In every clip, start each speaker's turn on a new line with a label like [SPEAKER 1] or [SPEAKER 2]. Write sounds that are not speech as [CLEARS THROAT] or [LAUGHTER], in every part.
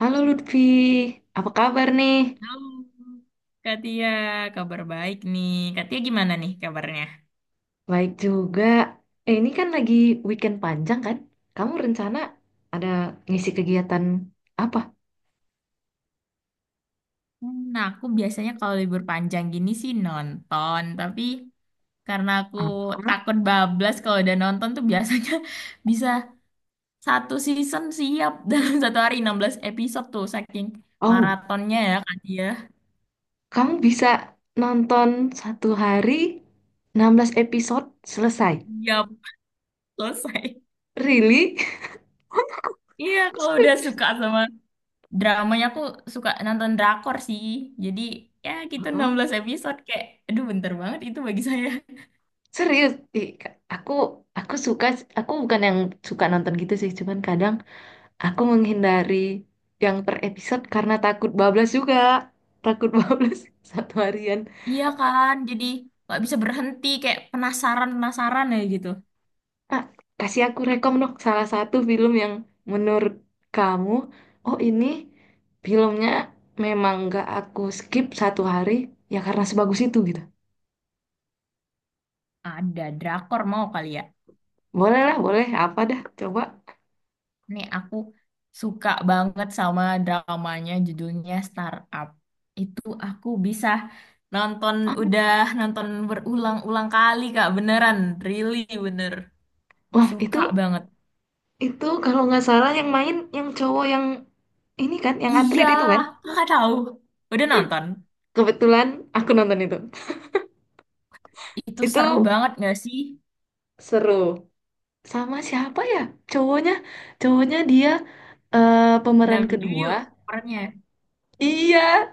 [SPEAKER 1] Halo Lutfi, apa kabar nih?
[SPEAKER 2] Halo, Kak Tia, kabar baik nih. Kak Tia gimana nih kabarnya?
[SPEAKER 1] Baik juga. Ini kan lagi weekend panjang kan? Kamu rencana ada ngisi kegiatan apa?
[SPEAKER 2] Aku biasanya kalau libur panjang gini sih nonton, tapi karena aku
[SPEAKER 1] Apa?
[SPEAKER 2] takut bablas kalau udah nonton tuh biasanya [LAUGHS] bisa satu season siap [LAUGHS] dalam satu hari 16 episode tuh saking
[SPEAKER 1] Oh,
[SPEAKER 2] maratonnya ya Kak Tia.
[SPEAKER 1] kamu bisa nonton satu hari 16 episode selesai.
[SPEAKER 2] Siap, selesai.
[SPEAKER 1] Really?
[SPEAKER 2] Iya,
[SPEAKER 1] [LAUGHS] Aku
[SPEAKER 2] kalau udah
[SPEAKER 1] speechless.
[SPEAKER 2] suka sama dramanya aku suka nonton drakor sih. Jadi ya gitu
[SPEAKER 1] Heeh.
[SPEAKER 2] 16 episode kayak aduh bentar banget itu bagi saya.
[SPEAKER 1] Serius? Ih, aku aku suka aku bukan yang suka nonton gitu sih, cuman kadang aku menghindari yang per episode karena takut bablas juga. Takut [LAUGHS] bablas satu harian.
[SPEAKER 2] Iya kan, jadi nggak bisa berhenti kayak penasaran-penasaran ya gitu.
[SPEAKER 1] Ah, kasih aku rekom dong salah satu film yang menurut kamu, oh ini filmnya memang nggak aku skip satu hari ya karena sebagus itu gitu.
[SPEAKER 2] Ada drakor mau kali ya.
[SPEAKER 1] Boleh lah, boleh. Apa dah, coba.
[SPEAKER 2] Nih aku suka banget sama dramanya judulnya Startup. Itu aku bisa nonton udah nonton berulang-ulang kali Kak, beneran, really bener.
[SPEAKER 1] Wah,
[SPEAKER 2] Suka
[SPEAKER 1] itu
[SPEAKER 2] banget.
[SPEAKER 1] itu kalau nggak salah yang main yang cowok yang ini kan, yang
[SPEAKER 2] Iya,
[SPEAKER 1] atlet itu kan.
[SPEAKER 2] Kakak tahu. Udah nonton.
[SPEAKER 1] Kebetulan aku nonton itu. [LAUGHS]
[SPEAKER 2] Itu seru
[SPEAKER 1] Itu
[SPEAKER 2] banget gak sih?
[SPEAKER 1] seru. Sama siapa ya, cowoknya, cowoknya dia, pemeran
[SPEAKER 2] Nam Ju
[SPEAKER 1] kedua,
[SPEAKER 2] yuk perannya.
[SPEAKER 1] iya,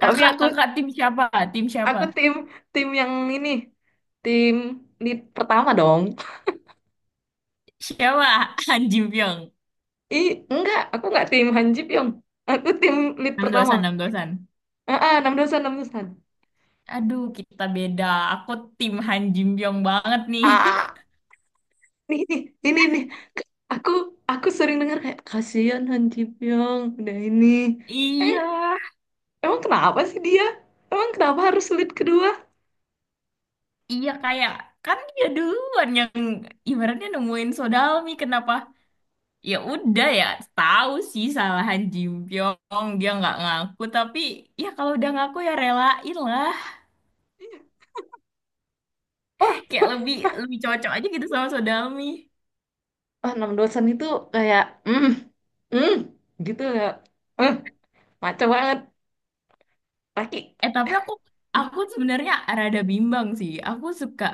[SPEAKER 1] tapi
[SPEAKER 2] Kakak,
[SPEAKER 1] aku
[SPEAKER 2] kakak tim siapa? Tim siapa?
[SPEAKER 1] aku tim, tim yang ini tim lead pertama dong.
[SPEAKER 2] Siapa? [LAUGHS] Han Ji Pyong.
[SPEAKER 1] Ih enggak, aku enggak tim Han Ji Pyong, aku tim lead
[SPEAKER 2] 6
[SPEAKER 1] pertama.
[SPEAKER 2] dosan, 6 dosan.
[SPEAKER 1] Ah ah, enam dosan, enam dosan.
[SPEAKER 2] Aduh, kita beda. Aku tim Han Ji Pyong banget nih. [LAUGHS]
[SPEAKER 1] Ah ini ini aku aku sering dengar kayak kasihan Han Ji Pyong udah ini. Eh,
[SPEAKER 2] Iya,
[SPEAKER 1] emang kenapa sih dia, emang kenapa harus lead kedua?
[SPEAKER 2] iya, kan dia duluan yang ibaratnya nemuin Sodalmi. Kenapa? Ya udah ya, tahu sih salah Han Ji Pyong. Dia nggak ngaku, tapi ya kalau udah ngaku ya relain lah. Kayak lebih lebih cocok aja gitu sama Sodalmi.
[SPEAKER 1] Oh, enam dosen itu kayak, mm, mm, gitu ya. eh maco banget, laki.
[SPEAKER 2] Eh tapi aku sebenarnya rada bimbang sih. Aku suka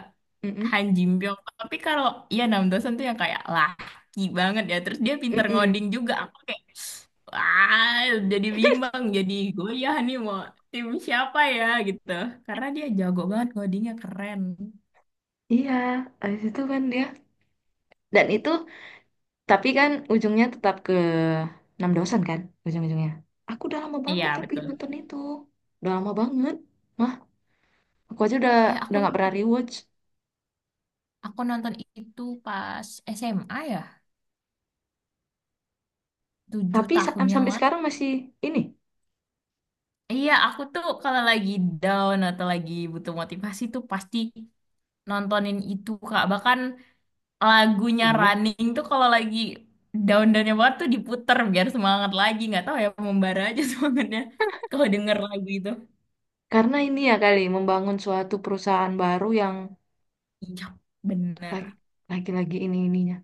[SPEAKER 1] Mm-mm,
[SPEAKER 2] Han Ji Pyong. Tapi kalau ya Nam Do San tuh yang kayak laki banget ya. Terus dia pinter
[SPEAKER 1] mm-mm.
[SPEAKER 2] ngoding juga. Aku kayak wah jadi bimbang. Jadi goyah nih mau tim siapa ya gitu. Karena dia jago banget ngodingnya keren.
[SPEAKER 1] Iya, habis itu kan dia, dan itu, tapi kan ujungnya tetap ke enam dosen kan, ujung-ujungnya. Aku udah lama
[SPEAKER 2] Iya
[SPEAKER 1] banget tapi
[SPEAKER 2] betul.
[SPEAKER 1] nonton itu, udah lama banget mah, aku aja udah
[SPEAKER 2] Eh aku
[SPEAKER 1] udah nggak pernah
[SPEAKER 2] nonton,
[SPEAKER 1] rewatch.
[SPEAKER 2] aku nonton itu pas SMA ya. Tujuh
[SPEAKER 1] Tapi
[SPEAKER 2] tahun yang
[SPEAKER 1] sampai
[SPEAKER 2] lalu.
[SPEAKER 1] sekarang masih ini.
[SPEAKER 2] Iya, aku tuh kalau lagi down atau lagi butuh motivasi tuh pasti nontonin itu Kak. Bahkan lagunya
[SPEAKER 1] Iya.
[SPEAKER 2] Running tuh kalau lagi down-downnya banget tuh diputer biar semangat lagi. Nggak tahu ya membara aja [LAUGHS] semangatnya kalau denger lagu itu.
[SPEAKER 1] Karena ini ya kali membangun suatu perusahaan baru yang
[SPEAKER 2] Iya, bener.
[SPEAKER 1] Lagi- lagi-lagi ini ininya.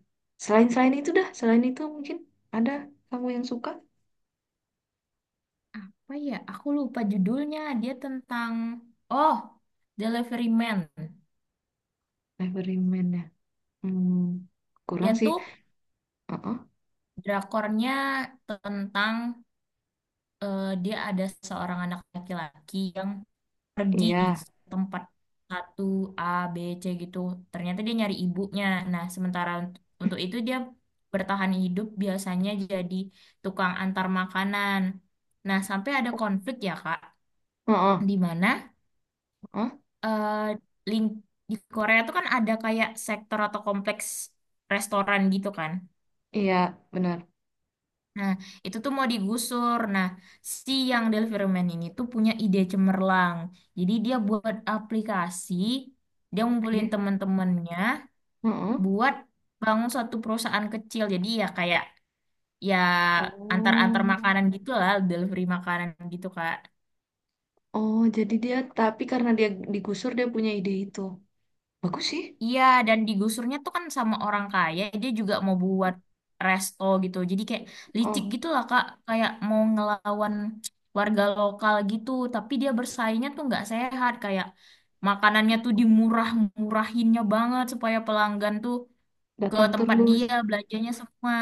[SPEAKER 1] Selain selain itu dah, selain itu mungkin ada kamu yang suka
[SPEAKER 2] Apa ya? Aku lupa judulnya. Dia tentang Oh, Delivery Man.
[SPEAKER 1] Nevermind ya. Hmm,
[SPEAKER 2] Dia
[SPEAKER 1] kurang sih.
[SPEAKER 2] tuh
[SPEAKER 1] Heeh.
[SPEAKER 2] drakornya tentang dia ada seorang anak laki-laki yang pergi
[SPEAKER 1] Iya.
[SPEAKER 2] tempat satu A B C gitu ternyata dia nyari ibunya nah sementara untuk itu dia bertahan hidup biasanya jadi tukang antar makanan nah sampai ada konflik ya Kak
[SPEAKER 1] Heeh.
[SPEAKER 2] di mana
[SPEAKER 1] Heeh.
[SPEAKER 2] eh, ling- di Korea tuh kan ada kayak sektor atau kompleks restoran gitu kan.
[SPEAKER 1] Iya, benar.
[SPEAKER 2] Nah, itu tuh mau digusur. Nah, si yang Del ini tuh punya ide cemerlang. Jadi dia buat aplikasi, dia ngumpulin
[SPEAKER 1] Oke.
[SPEAKER 2] temen-temennya
[SPEAKER 1] Heeh.
[SPEAKER 2] buat bangun suatu perusahaan kecil. Jadi ya kayak ya antar-antar
[SPEAKER 1] Oh.
[SPEAKER 2] makanan gitu lah, delivery makanan gitu, Kak.
[SPEAKER 1] Oh, jadi dia tapi karena dia digusur dia punya ide itu. Bagus sih.
[SPEAKER 2] Iya, dan digusurnya tuh kan sama orang kaya, dia juga mau buat resto gitu. Jadi kayak licik
[SPEAKER 1] Oh,
[SPEAKER 2] gitu lah, Kak. Kayak mau ngelawan warga lokal gitu, tapi dia bersaingnya tuh nggak sehat. Kayak makanannya tuh dimurah-murahinnya banget supaya pelanggan tuh ke
[SPEAKER 1] datang
[SPEAKER 2] tempat
[SPEAKER 1] terus.
[SPEAKER 2] dia belanjanya semua.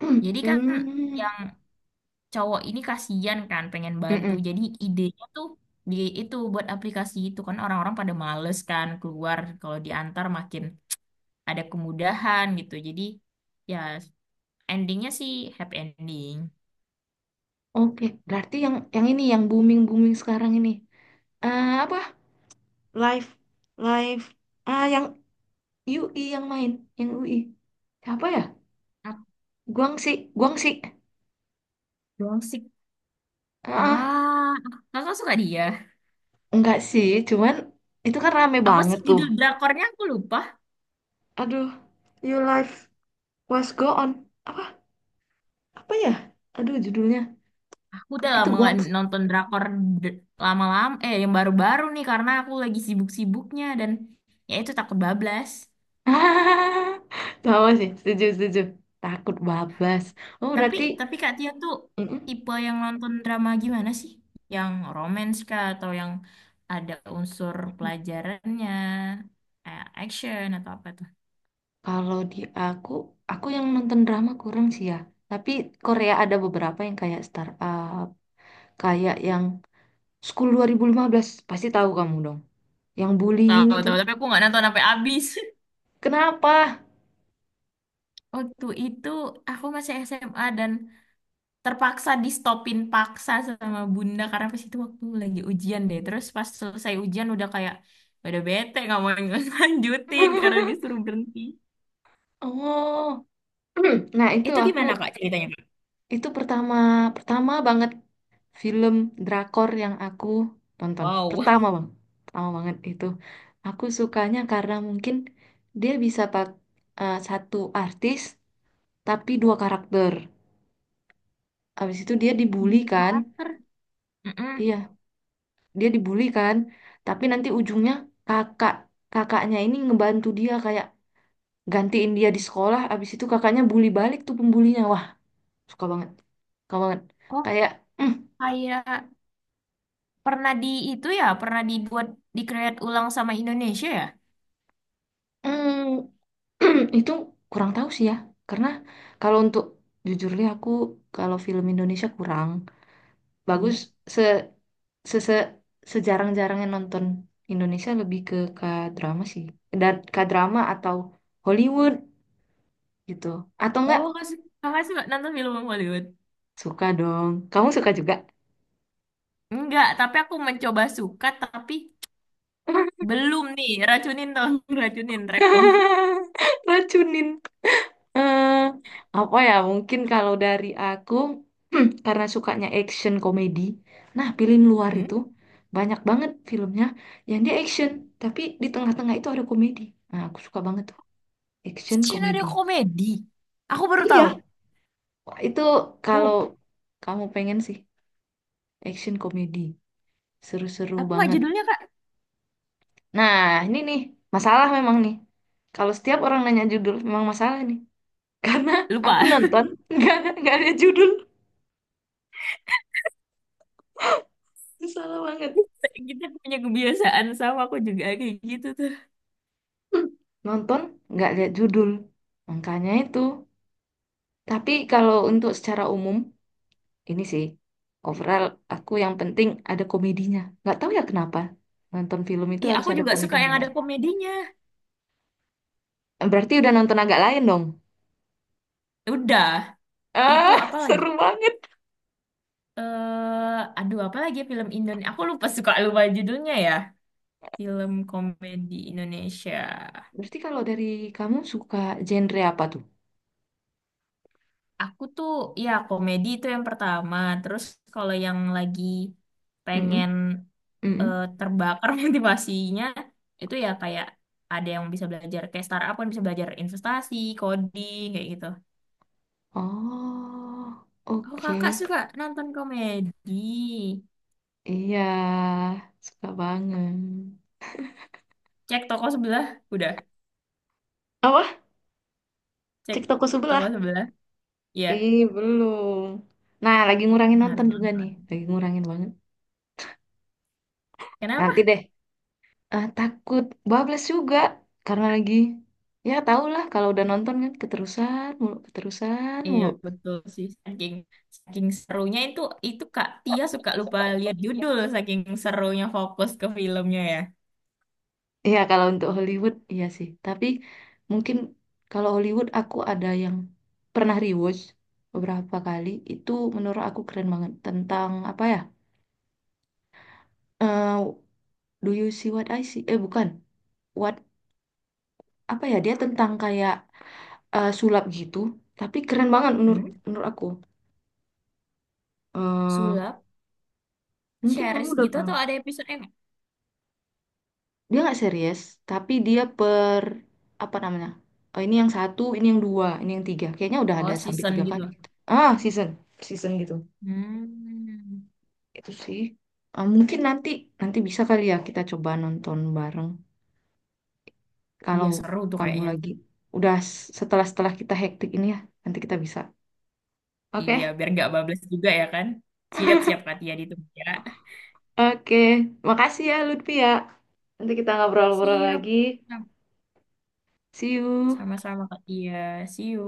[SPEAKER 1] [CLEARS THROAT]
[SPEAKER 2] Jadi kan
[SPEAKER 1] Hmm.
[SPEAKER 2] yang cowok ini kasihan kan pengen bantu.
[SPEAKER 1] Mm-mm.
[SPEAKER 2] Jadi idenya tuh di itu buat aplikasi itu kan orang-orang pada males kan keluar kalau diantar makin ada kemudahan gitu. Jadi ya endingnya sih happy ending.
[SPEAKER 1] Oke, berarti yang ini yang booming-booming sekarang ini. Apa? Live live ah yang U I yang main, yang U I, siapa ya,
[SPEAKER 2] Apa
[SPEAKER 1] Guangxi, Guangxi.
[SPEAKER 2] doang sih?
[SPEAKER 1] Ah
[SPEAKER 2] Ah, kakak suka dia.
[SPEAKER 1] enggak sih, cuman itu kan rame
[SPEAKER 2] Apa
[SPEAKER 1] banget
[SPEAKER 2] sih
[SPEAKER 1] tuh.
[SPEAKER 2] judul drakornya? Aku lupa.
[SPEAKER 1] Aduh, you life was go on, apa, apa ya, aduh judulnya,
[SPEAKER 2] Aku udah
[SPEAKER 1] itu
[SPEAKER 2] lama nggak
[SPEAKER 1] Guangxi.
[SPEAKER 2] nonton drakor lama-lama. Eh, yang baru-baru nih karena aku lagi sibuk-sibuknya dan ya itu takut bablas.
[SPEAKER 1] Ah [LAUGHS] sama sih, setuju, setuju. Takut babas. Oh
[SPEAKER 2] Tapi
[SPEAKER 1] berarti
[SPEAKER 2] tapi Kak Tia tuh
[SPEAKER 1] mm-mm.
[SPEAKER 2] tipe yang nonton drama gimana sih? Yang romance kah atau yang ada unsur pelajarannya, action atau apa.
[SPEAKER 1] Kalau di aku, aku yang nonton drama kurang sih ya. Tapi Korea ada beberapa yang kayak startup, kayak yang School 2015, pasti tahu kamu dong. Yang bullying
[SPEAKER 2] Tahu
[SPEAKER 1] itu.
[SPEAKER 2] tahu tapi aku nggak nonton sampai habis. [LAUGHS]
[SPEAKER 1] Kenapa?
[SPEAKER 2] Waktu itu aku masih SMA dan terpaksa di stopin paksa sama bunda karena pas itu waktu lagi ujian deh. Terus pas selesai ujian udah kayak udah bete nggak mau [LAUGHS] lanjutin karena
[SPEAKER 1] [LAUGHS]
[SPEAKER 2] disuruh berhenti.
[SPEAKER 1] Oh. [CLEARS THROAT] Nah, itu
[SPEAKER 2] Itu
[SPEAKER 1] aku,
[SPEAKER 2] gimana Kak ceritanya Kak?
[SPEAKER 1] itu pertama pertama banget film drakor yang aku tonton.
[SPEAKER 2] Wow.
[SPEAKER 1] Pertama, Bang. Pertama banget itu. Aku sukanya karena mungkin dia bisa pak, satu artis tapi dua karakter. Habis itu dia dibully
[SPEAKER 2] Dua
[SPEAKER 1] kan?
[SPEAKER 2] karakter. Mm-mm.
[SPEAKER 1] Iya, dia dibully kan, tapi nanti ujungnya kakak, kakaknya ini ngebantu dia kayak gantiin dia di sekolah, abis itu kakaknya bully balik tuh pembulinya, wah, suka banget suka banget,
[SPEAKER 2] Oh
[SPEAKER 1] kayak, mm,
[SPEAKER 2] kayak pernah di itu ya pernah dibuat di create ulang sama Indonesia ya?
[SPEAKER 1] mm, [CLEARS THROAT] itu kurang tahu sih ya, karena kalau untuk, jujur deh aku, kalau film Indonesia kurang bagus.
[SPEAKER 2] Hmm.
[SPEAKER 1] Se se, se sejarang-jarangnya nonton Indonesia, lebih ke K-drama sih, dan K-drama atau Hollywood gitu, atau enggak.
[SPEAKER 2] Oh, Kak, Kakak suka nonton film Hollywood?
[SPEAKER 1] Suka dong. Kamu suka juga?
[SPEAKER 2] Enggak, tapi aku mencoba suka, tapi belum nih. Racunin dong, [LAUGHS] racunin rekom.
[SPEAKER 1] [LAUGHS] Racunin. Eh, apa ya? Mungkin kalau dari aku, [CLEARS THROAT] karena sukanya action komedi. Nah, pilih luar itu
[SPEAKER 2] Hmm?
[SPEAKER 1] banyak banget filmnya, yang dia action, tapi di tengah-tengah itu ada komedi. Nah, aku suka banget tuh action
[SPEAKER 2] Skenario
[SPEAKER 1] komedi.
[SPEAKER 2] komedi. Aku baru tahu.
[SPEAKER 1] Iya, wah, itu kalau
[SPEAKER 2] Tuh,
[SPEAKER 1] kamu pengen sih, action komedi seru-seru
[SPEAKER 2] apa nggak
[SPEAKER 1] banget.
[SPEAKER 2] judulnya, Kak?
[SPEAKER 1] Nah, ini nih masalah memang nih. Kalau setiap orang nanya judul memang masalah nih. Karena aku
[SPEAKER 2] Lupa.
[SPEAKER 1] nonton [LAUGHS] nggak ada judul, salah banget.
[SPEAKER 2] [LAUGHS] Kita punya kebiasaan sama aku juga kayak gitu tuh.
[SPEAKER 1] Hmm. Nonton nggak lihat judul, makanya itu. Tapi kalau untuk secara umum ini sih, overall aku yang penting ada komedinya, nggak tahu ya kenapa nonton film itu
[SPEAKER 2] Iya,
[SPEAKER 1] harus
[SPEAKER 2] aku
[SPEAKER 1] ada
[SPEAKER 2] juga suka
[SPEAKER 1] komedinya.
[SPEAKER 2] yang ada komedinya.
[SPEAKER 1] Berarti udah nonton agak lain dong.
[SPEAKER 2] Udah, itu
[SPEAKER 1] Ah
[SPEAKER 2] apa
[SPEAKER 1] [LAUGHS]
[SPEAKER 2] lagi?
[SPEAKER 1] seru banget.
[SPEAKER 2] Apa lagi ya, film Indonesia? Aku lupa suka lupa judulnya ya. Film komedi Indonesia.
[SPEAKER 1] Berarti kalau dari kamu, suka genre apa tuh?
[SPEAKER 2] Aku tuh ya komedi itu yang pertama. Terus kalau yang lagi
[SPEAKER 1] Mm-mm,
[SPEAKER 2] pengen
[SPEAKER 1] mm-mm.
[SPEAKER 2] terbakar [LAUGHS] motivasinya itu ya kayak ada yang bisa belajar kayak startup kan bisa belajar investasi, coding kayak gitu.
[SPEAKER 1] Oh,
[SPEAKER 2] Oh
[SPEAKER 1] oke.
[SPEAKER 2] kakak suka nonton komedi?
[SPEAKER 1] Iya, suka banget.
[SPEAKER 2] Cek toko sebelah, udah.
[SPEAKER 1] Apa?
[SPEAKER 2] Cek
[SPEAKER 1] Cek toko sebelah.
[SPEAKER 2] toko sebelah, iya.
[SPEAKER 1] Ih, belum. Nah, lagi
[SPEAKER 2] Hmm,
[SPEAKER 1] ngurangin
[SPEAKER 2] harus
[SPEAKER 1] nonton juga nih.
[SPEAKER 2] nonton.
[SPEAKER 1] Lagi ngurangin banget.
[SPEAKER 2] Kenapa?
[SPEAKER 1] Nanti deh. Takut bablas juga. Karena lagi... Ya, tau lah. Kalau udah nonton kan keterusan mulu. Keterusan
[SPEAKER 2] Iya
[SPEAKER 1] mulu.
[SPEAKER 2] betul sih saking saking serunya itu Kak Tia suka lupa lihat judul saking serunya fokus ke filmnya ya.
[SPEAKER 1] Iya, kalau untuk Hollywood, iya sih. Tapi mungkin kalau Hollywood aku ada yang pernah rewatch beberapa kali. Itu menurut aku keren banget. Tentang apa ya? Eh, do you see what I see? Eh, bukan. What... Apa ya? Dia tentang kayak, sulap gitu, tapi keren banget menurut,
[SPEAKER 2] Hmm?
[SPEAKER 1] menurut aku. eh
[SPEAKER 2] Sulap,
[SPEAKER 1] mungkin kamu
[SPEAKER 2] series
[SPEAKER 1] udah
[SPEAKER 2] gitu
[SPEAKER 1] pernah.
[SPEAKER 2] atau ada episode ini?
[SPEAKER 1] Dia nggak serius, tapi dia per, apa namanya? Oh, ini yang satu, ini yang dua, ini yang tiga. Kayaknya udah ada
[SPEAKER 2] Oh,
[SPEAKER 1] sampai
[SPEAKER 2] season
[SPEAKER 1] tiga
[SPEAKER 2] gitu.
[SPEAKER 1] kali gitu. Ah, season, season gitu.
[SPEAKER 2] Hmm.
[SPEAKER 1] Itu sih. Mungkin nanti nanti bisa kali ya kita coba nonton bareng.
[SPEAKER 2] Iya,
[SPEAKER 1] Kalau
[SPEAKER 2] seru tuh
[SPEAKER 1] kamu
[SPEAKER 2] kayaknya.
[SPEAKER 1] lagi udah setelah, setelah kita hektik ini ya, nanti kita bisa. Oke.
[SPEAKER 2] Iya, biar gak bablas juga ya kan? Siap-siap Kak Tia ditunggu ya.
[SPEAKER 1] Oke. Makasih ya Lutfi ya. Nanti kita ngobrol-ngobrol
[SPEAKER 2] Siap.
[SPEAKER 1] lagi. See you.
[SPEAKER 2] Sama-sama Kak Tia. See you.